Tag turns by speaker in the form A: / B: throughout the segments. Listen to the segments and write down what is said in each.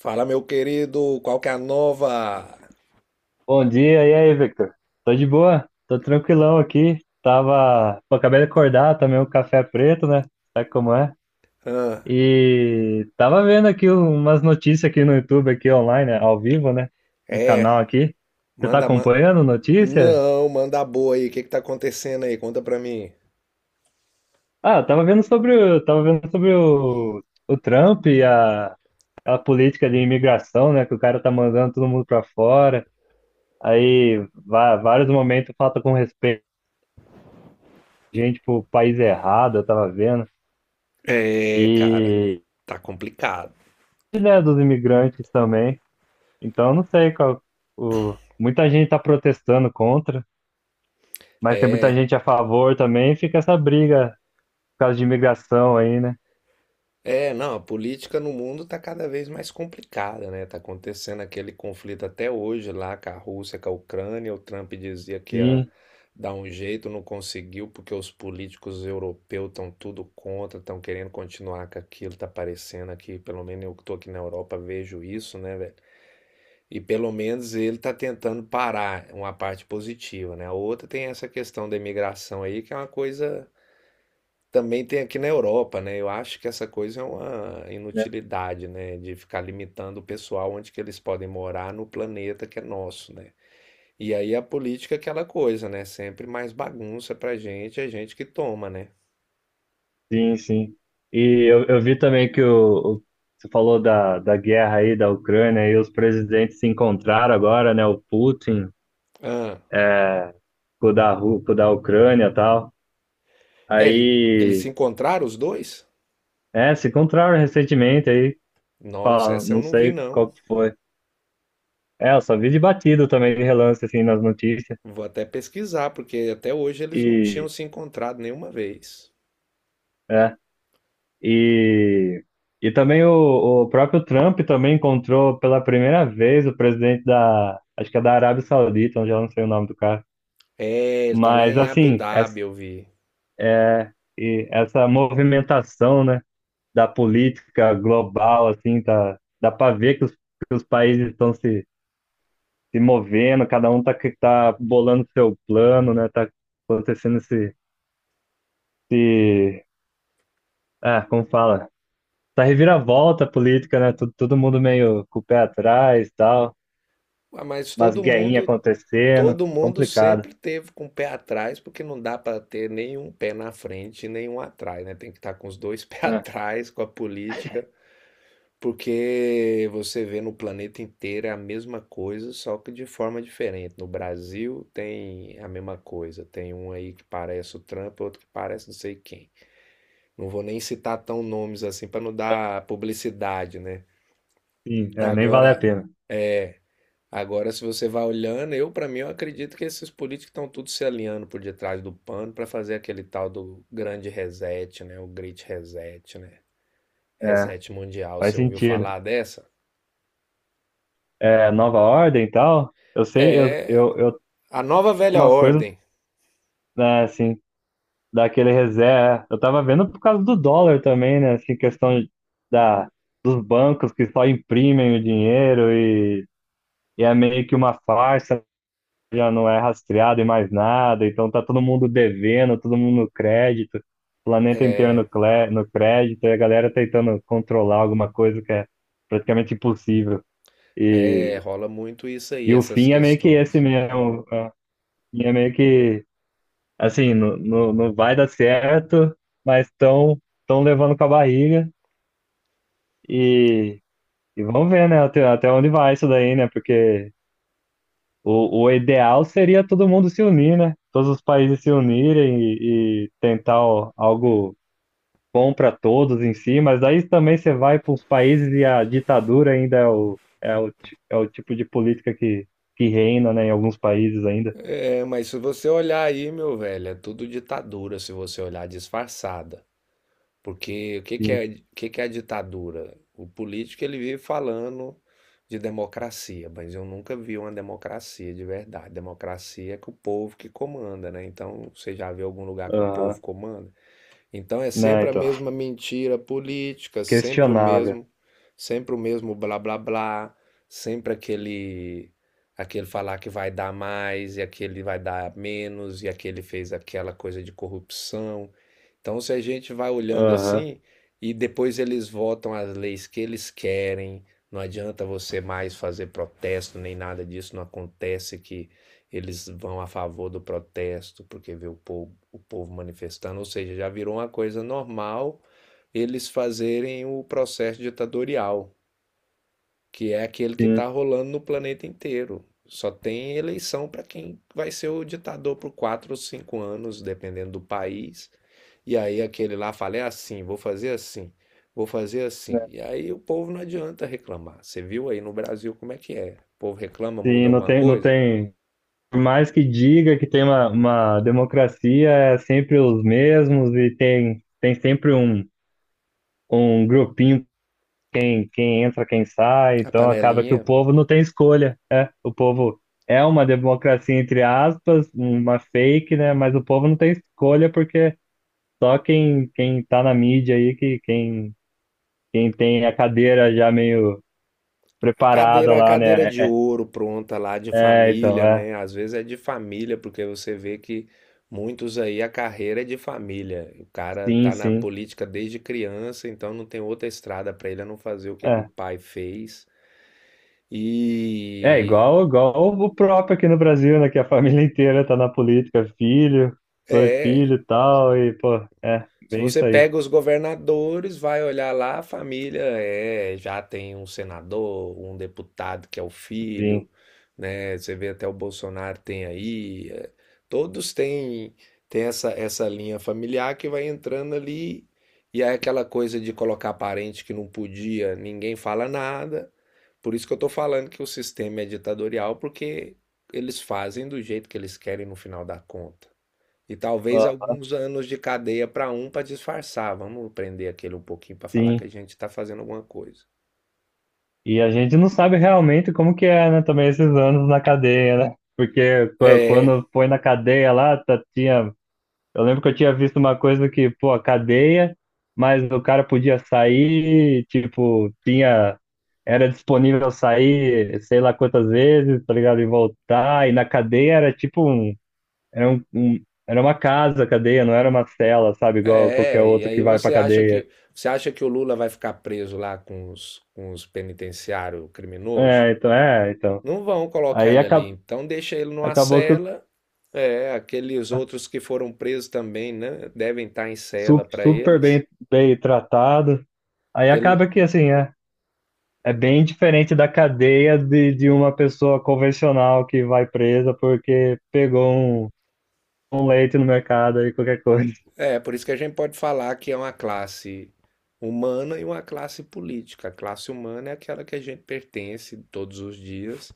A: Fala, meu querido, qual que é a nova?
B: Bom dia, e aí, Victor? Tô de boa, tô tranquilão aqui. Tava. Pô, acabei de acordar, tomei um café preto, né? Sabe como é?
A: Hã?
B: E tava vendo aqui umas notícias aqui no YouTube, aqui online, né? Ao vivo, né? Um
A: É,
B: canal aqui. Você tá
A: manda,
B: acompanhando notícia?
A: não, manda a boa aí, o que que tá acontecendo aí? Conta pra mim.
B: Ah, eu tava vendo sobre o. Tava vendo sobre o Trump e a política de imigração, né? Que o cara tá mandando todo mundo pra fora. Aí, vários momentos falta com respeito, gente pro país errado, eu tava vendo.
A: É, cara,
B: E,
A: tá complicado.
B: né, dos imigrantes também. Então, eu não sei qual. O, muita gente está protestando contra, mas tem muita
A: É.
B: gente a favor também. E fica essa briga por causa de imigração aí, né?
A: É, não, a política no mundo está cada vez mais complicada, né? Tá acontecendo aquele conflito até hoje lá com a Rússia, com a Ucrânia. O Trump dizia que ia
B: Sim,
A: dar um jeito, não conseguiu, porque os políticos europeus estão tudo contra, estão querendo continuar com aquilo. Tá parecendo aqui, pelo menos eu que tô aqui na Europa, vejo isso, né, velho? E pelo menos ele tá tentando parar, uma parte positiva, né? A outra tem essa questão da imigração aí, que é uma coisa também tem aqui na Europa, né? Eu acho que essa coisa é uma
B: né?
A: inutilidade, né? De ficar limitando o pessoal onde que eles podem morar no planeta que é nosso, né? E aí a política é aquela coisa, né? Sempre mais bagunça pra gente, é a gente que toma, né?
B: Sim, sim. E eu vi também que você falou da guerra aí da Ucrânia e os presidentes se encontraram agora, né? O Putin
A: Ah,
B: com o da, com o da Ucrânia e tal.
A: é, eles se
B: Aí,
A: encontraram os dois?
B: é, se encontraram recentemente aí.
A: Nossa, essa eu
B: Não
A: não vi,
B: sei
A: não.
B: qual que foi. É, eu só vi de batido também, de relance, assim, nas notícias.
A: Vou até pesquisar, porque até hoje eles não tinham
B: E,
A: se encontrado nenhuma vez.
B: é, e, e também o próprio Trump também encontrou pela primeira vez o presidente da, acho que é da Arábia Saudita, onde eu não sei o nome do cara.
A: É, ele tá lá
B: Mas,
A: em Abu
B: assim, essa,
A: Dhabi, eu vi.
B: e essa movimentação, né, da política global, assim, tá, dá para ver que os países estão se, se movendo, cada um tá, tá bolando seu plano, né, tá acontecendo esse, esse, ah, como fala? Essa reviravolta política, né? Todo, todo mundo meio com o pé atrás e tal,
A: Ah, Mas
B: umas
A: todo
B: guerrinhas
A: mundo
B: acontecendo,
A: Todo mundo
B: complicado.
A: sempre teve com o pé atrás, porque não dá para ter nenhum pé na frente e nenhum atrás, né? Tem que estar com os dois pés
B: É,
A: atrás com a política, porque você vê no planeta inteiro é a mesma coisa, só que de forma diferente. No Brasil tem a mesma coisa, tem um aí que parece o Trump, outro que parece não sei quem. Não vou nem citar tão nomes assim para não dar publicidade, né?
B: sim, é, nem vale a
A: Agora,
B: pena.
A: Agora, se você vai olhando, eu, para mim, eu acredito que esses políticos estão tudo se alinhando por detrás do pano para fazer aquele tal do grande reset, né? O Great Reset, né?
B: É,
A: Reset mundial.
B: faz
A: Você ouviu
B: sentido.
A: falar dessa?
B: É, nova ordem e tal, eu
A: É
B: sei, eu
A: a nova velha
B: umas coisas,
A: ordem.
B: né, assim, daquele reserva. É, eu tava vendo por causa do dólar também, né? Assim, questão da, dos bancos que só imprimem o dinheiro e é meio que uma farsa já não é rastreado em mais nada, então tá todo mundo devendo, todo mundo no crédito, planeta inteiro no, no crédito, e a galera tentando controlar alguma coisa que é praticamente impossível.
A: É,
B: E,
A: rola muito isso aí,
B: e o
A: essas
B: fim é meio que esse
A: questões.
B: mesmo, é é meio que, assim, não, não, não vai dar certo, mas estão tão levando com a barriga e, e vamos ver, né, até, até onde vai isso daí, né, porque o ideal seria todo mundo se unir, né? Todos os países se unirem e tentar algo bom para todos em si, mas aí também você vai para os países e a ditadura ainda é o, é o, é o tipo de política que reina, né, em alguns países ainda.
A: É, mas se você olhar aí, meu velho, é tudo ditadura se você olhar disfarçada. Porque
B: Sim.
A: o que que é a ditadura? O político ele vive falando de democracia, mas eu nunca vi uma democracia de verdade. Democracia é que o povo que comanda, né? Então, você já viu algum lugar que o povo
B: Aham.
A: comanda? Então é
B: Né,
A: sempre a
B: então,
A: mesma mentira política,
B: questionável.
A: sempre o mesmo blá blá blá, sempre aquele falar que vai dar mais e aquele vai dar menos e aquele fez aquela coisa de corrupção. Então se a gente vai olhando
B: Aham.
A: assim e depois eles votam as leis que eles querem, não adianta você mais fazer protesto nem nada disso, não acontece que eles vão a favor do protesto, porque vê o povo manifestando, ou seja, já virou uma coisa normal eles fazerem o processo ditatorial, que é aquele que
B: Sim.
A: está rolando no planeta inteiro. Só tem eleição para quem vai ser o ditador por quatro ou cinco anos, dependendo do país. E aí aquele lá fala, é assim, vou fazer assim, vou fazer assim.
B: Né,
A: E aí o povo não adianta reclamar. Você viu aí no Brasil como é que é? O povo reclama, muda
B: sim, não
A: alguma
B: tem, não
A: coisa?
B: tem. Por mais que diga que tem uma democracia, é sempre os mesmos e tem, tem sempre um um grupinho quem, quem entra, quem sai,
A: A
B: então acaba que o
A: panelinha
B: povo não tem escolha. É, o povo é uma democracia, entre aspas, uma fake, né? Mas o povo não tem escolha porque só quem, quem tá na mídia aí, que, quem, quem tem a cadeira já meio preparada
A: A
B: lá,
A: cadeira
B: né?
A: de
B: É,
A: ouro pronta lá de
B: é, é, então,
A: família,
B: é.
A: né? Às vezes é de família, porque você vê que muitos aí a carreira é de família. O cara tá
B: Sim,
A: na
B: sim.
A: política desde criança, então não tem outra estrada para ele a não fazer o que que o
B: É.
A: pai fez.
B: É
A: E
B: igual, igual o próprio aqui no Brasil, né? Que a família inteira tá na política, filho, dois
A: é,
B: filhos e tal, e, pô, é,
A: Se
B: bem
A: você
B: isso aí.
A: pega os governadores, vai olhar lá, a família é, já tem um senador, um deputado que é o
B: Sim,
A: filho, né? Você vê até o Bolsonaro tem aí, é, todos têm tem essa linha familiar que vai entrando ali e é aquela coisa de colocar parente que não podia, ninguém fala nada. Por isso que eu tô falando que o sistema é ditatorial, porque eles fazem do jeito que eles querem no final da conta. E talvez
B: ó,
A: alguns anos de cadeia para um para disfarçar. Vamos prender aquele um pouquinho para falar que a
B: sim.
A: gente está fazendo alguma coisa.
B: E a gente não sabe realmente como que é, né? Também esses anos na cadeia, né? Porque
A: É,
B: quando foi na cadeia lá, tinha. Eu lembro que eu tinha visto uma coisa que, pô, a cadeia, mas o cara podia sair, tipo, tinha. Era disponível sair sei lá quantas vezes, tá ligado? E voltar. E na cadeia era tipo um. Era um, era uma casa, a cadeia, não era uma cela, sabe? Igual qualquer
A: é. E
B: outro
A: aí
B: que vai pra cadeia.
A: você acha que o Lula vai ficar preso lá com com os penitenciários criminosos?
B: É, então, é, então.
A: Não vão colocar
B: Aí
A: ele ali.
B: acabou.
A: Então deixa ele numa
B: Acabou que
A: cela. É, aqueles outros que foram presos também, né? Devem estar em cela
B: super,
A: para
B: super
A: eles.
B: bem, bem tratado. Aí acaba que, assim, é, é bem diferente da cadeia de uma pessoa convencional que vai presa porque pegou um, um leite no mercado aí qualquer coisa.
A: É, por isso que a gente pode falar que é uma classe humana e uma classe política. A classe humana é aquela que a gente pertence todos os dias.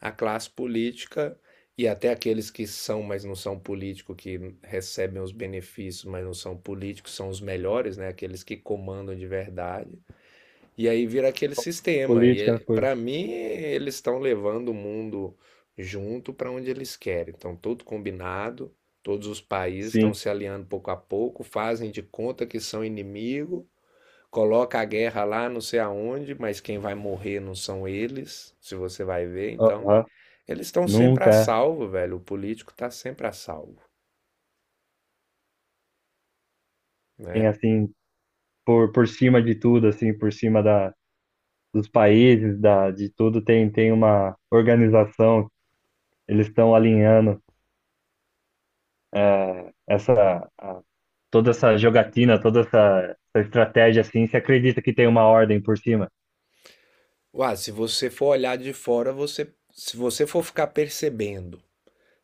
A: A classe política, e até aqueles que são, mas não são políticos, que recebem os benefícios, mas não são políticos, são os melhores, né? Aqueles que comandam de verdade. E aí vira aquele sistema.
B: Política,
A: E
B: por...
A: para mim, eles estão levando o mundo junto para onde eles querem. Então, tudo combinado, todos os países estão
B: sim.
A: se aliando pouco a pouco, fazem de conta que são inimigo, coloca a guerra lá não sei aonde, mas quem vai morrer não são eles, se você vai ver. Então,
B: Aham.
A: eles estão sempre a
B: Nunca
A: salvo, velho. O político está sempre a salvo,
B: tem,
A: né?
B: assim, por cima de tudo, assim, por cima da, dos países, da, de tudo, tem, tem uma organização. Eles estão alinhando é, essa... toda essa jogatina, toda essa, essa estratégia assim, você acredita que tem uma ordem por cima?
A: Ué, se você for olhar de fora, você, se você for ficar percebendo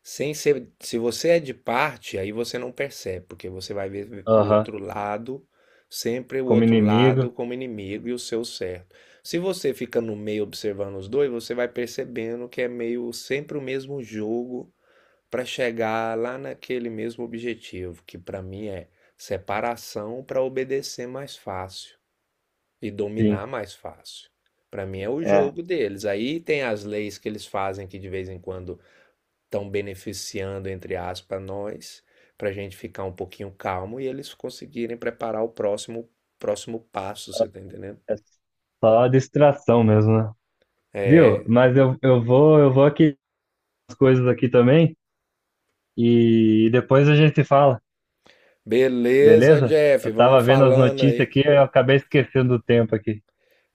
A: sem ser, se você é de parte, aí você não percebe, porque você vai ver o
B: Aham,
A: outro lado, sempre o
B: como
A: outro lado
B: inimigo,
A: como inimigo e o seu certo. Se você fica no meio observando os dois, você vai percebendo que é meio sempre o mesmo jogo para chegar lá naquele mesmo objetivo, que para mim é separação para obedecer mais fácil e
B: sim,
A: dominar mais fácil. Para mim é o
B: é,
A: jogo deles. Aí tem as leis que eles fazem que de vez em quando estão beneficiando, entre aspas, nós, para a gente ficar um pouquinho calmo e eles conseguirem preparar o próximo, próximo passo, você tá entendendo?
B: é só distração mesmo, né? Viu?
A: É.
B: Mas eu vou, eu vou aqui as coisas aqui também e depois a gente se fala,
A: Beleza,
B: beleza?
A: Jeff,
B: Eu tava
A: vamos
B: vendo as
A: falando
B: notícias
A: aí.
B: aqui eu acabei esquecendo do tempo aqui.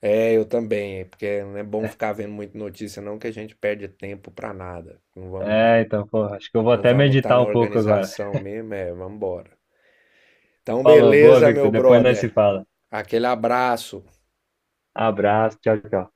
A: É, eu também, porque não é bom ficar vendo muita notícia, não, que a gente perde tempo pra nada.
B: É, então, pô, acho que eu vou
A: Não
B: até
A: vamos estar
B: meditar
A: na
B: um pouco agora.
A: organização mesmo, é, vamos embora. Então,
B: Falou, boa,
A: beleza, meu
B: Victor, depois nós se
A: brother.
B: fala.
A: Aquele abraço.
B: Abraço, tchau, tchau.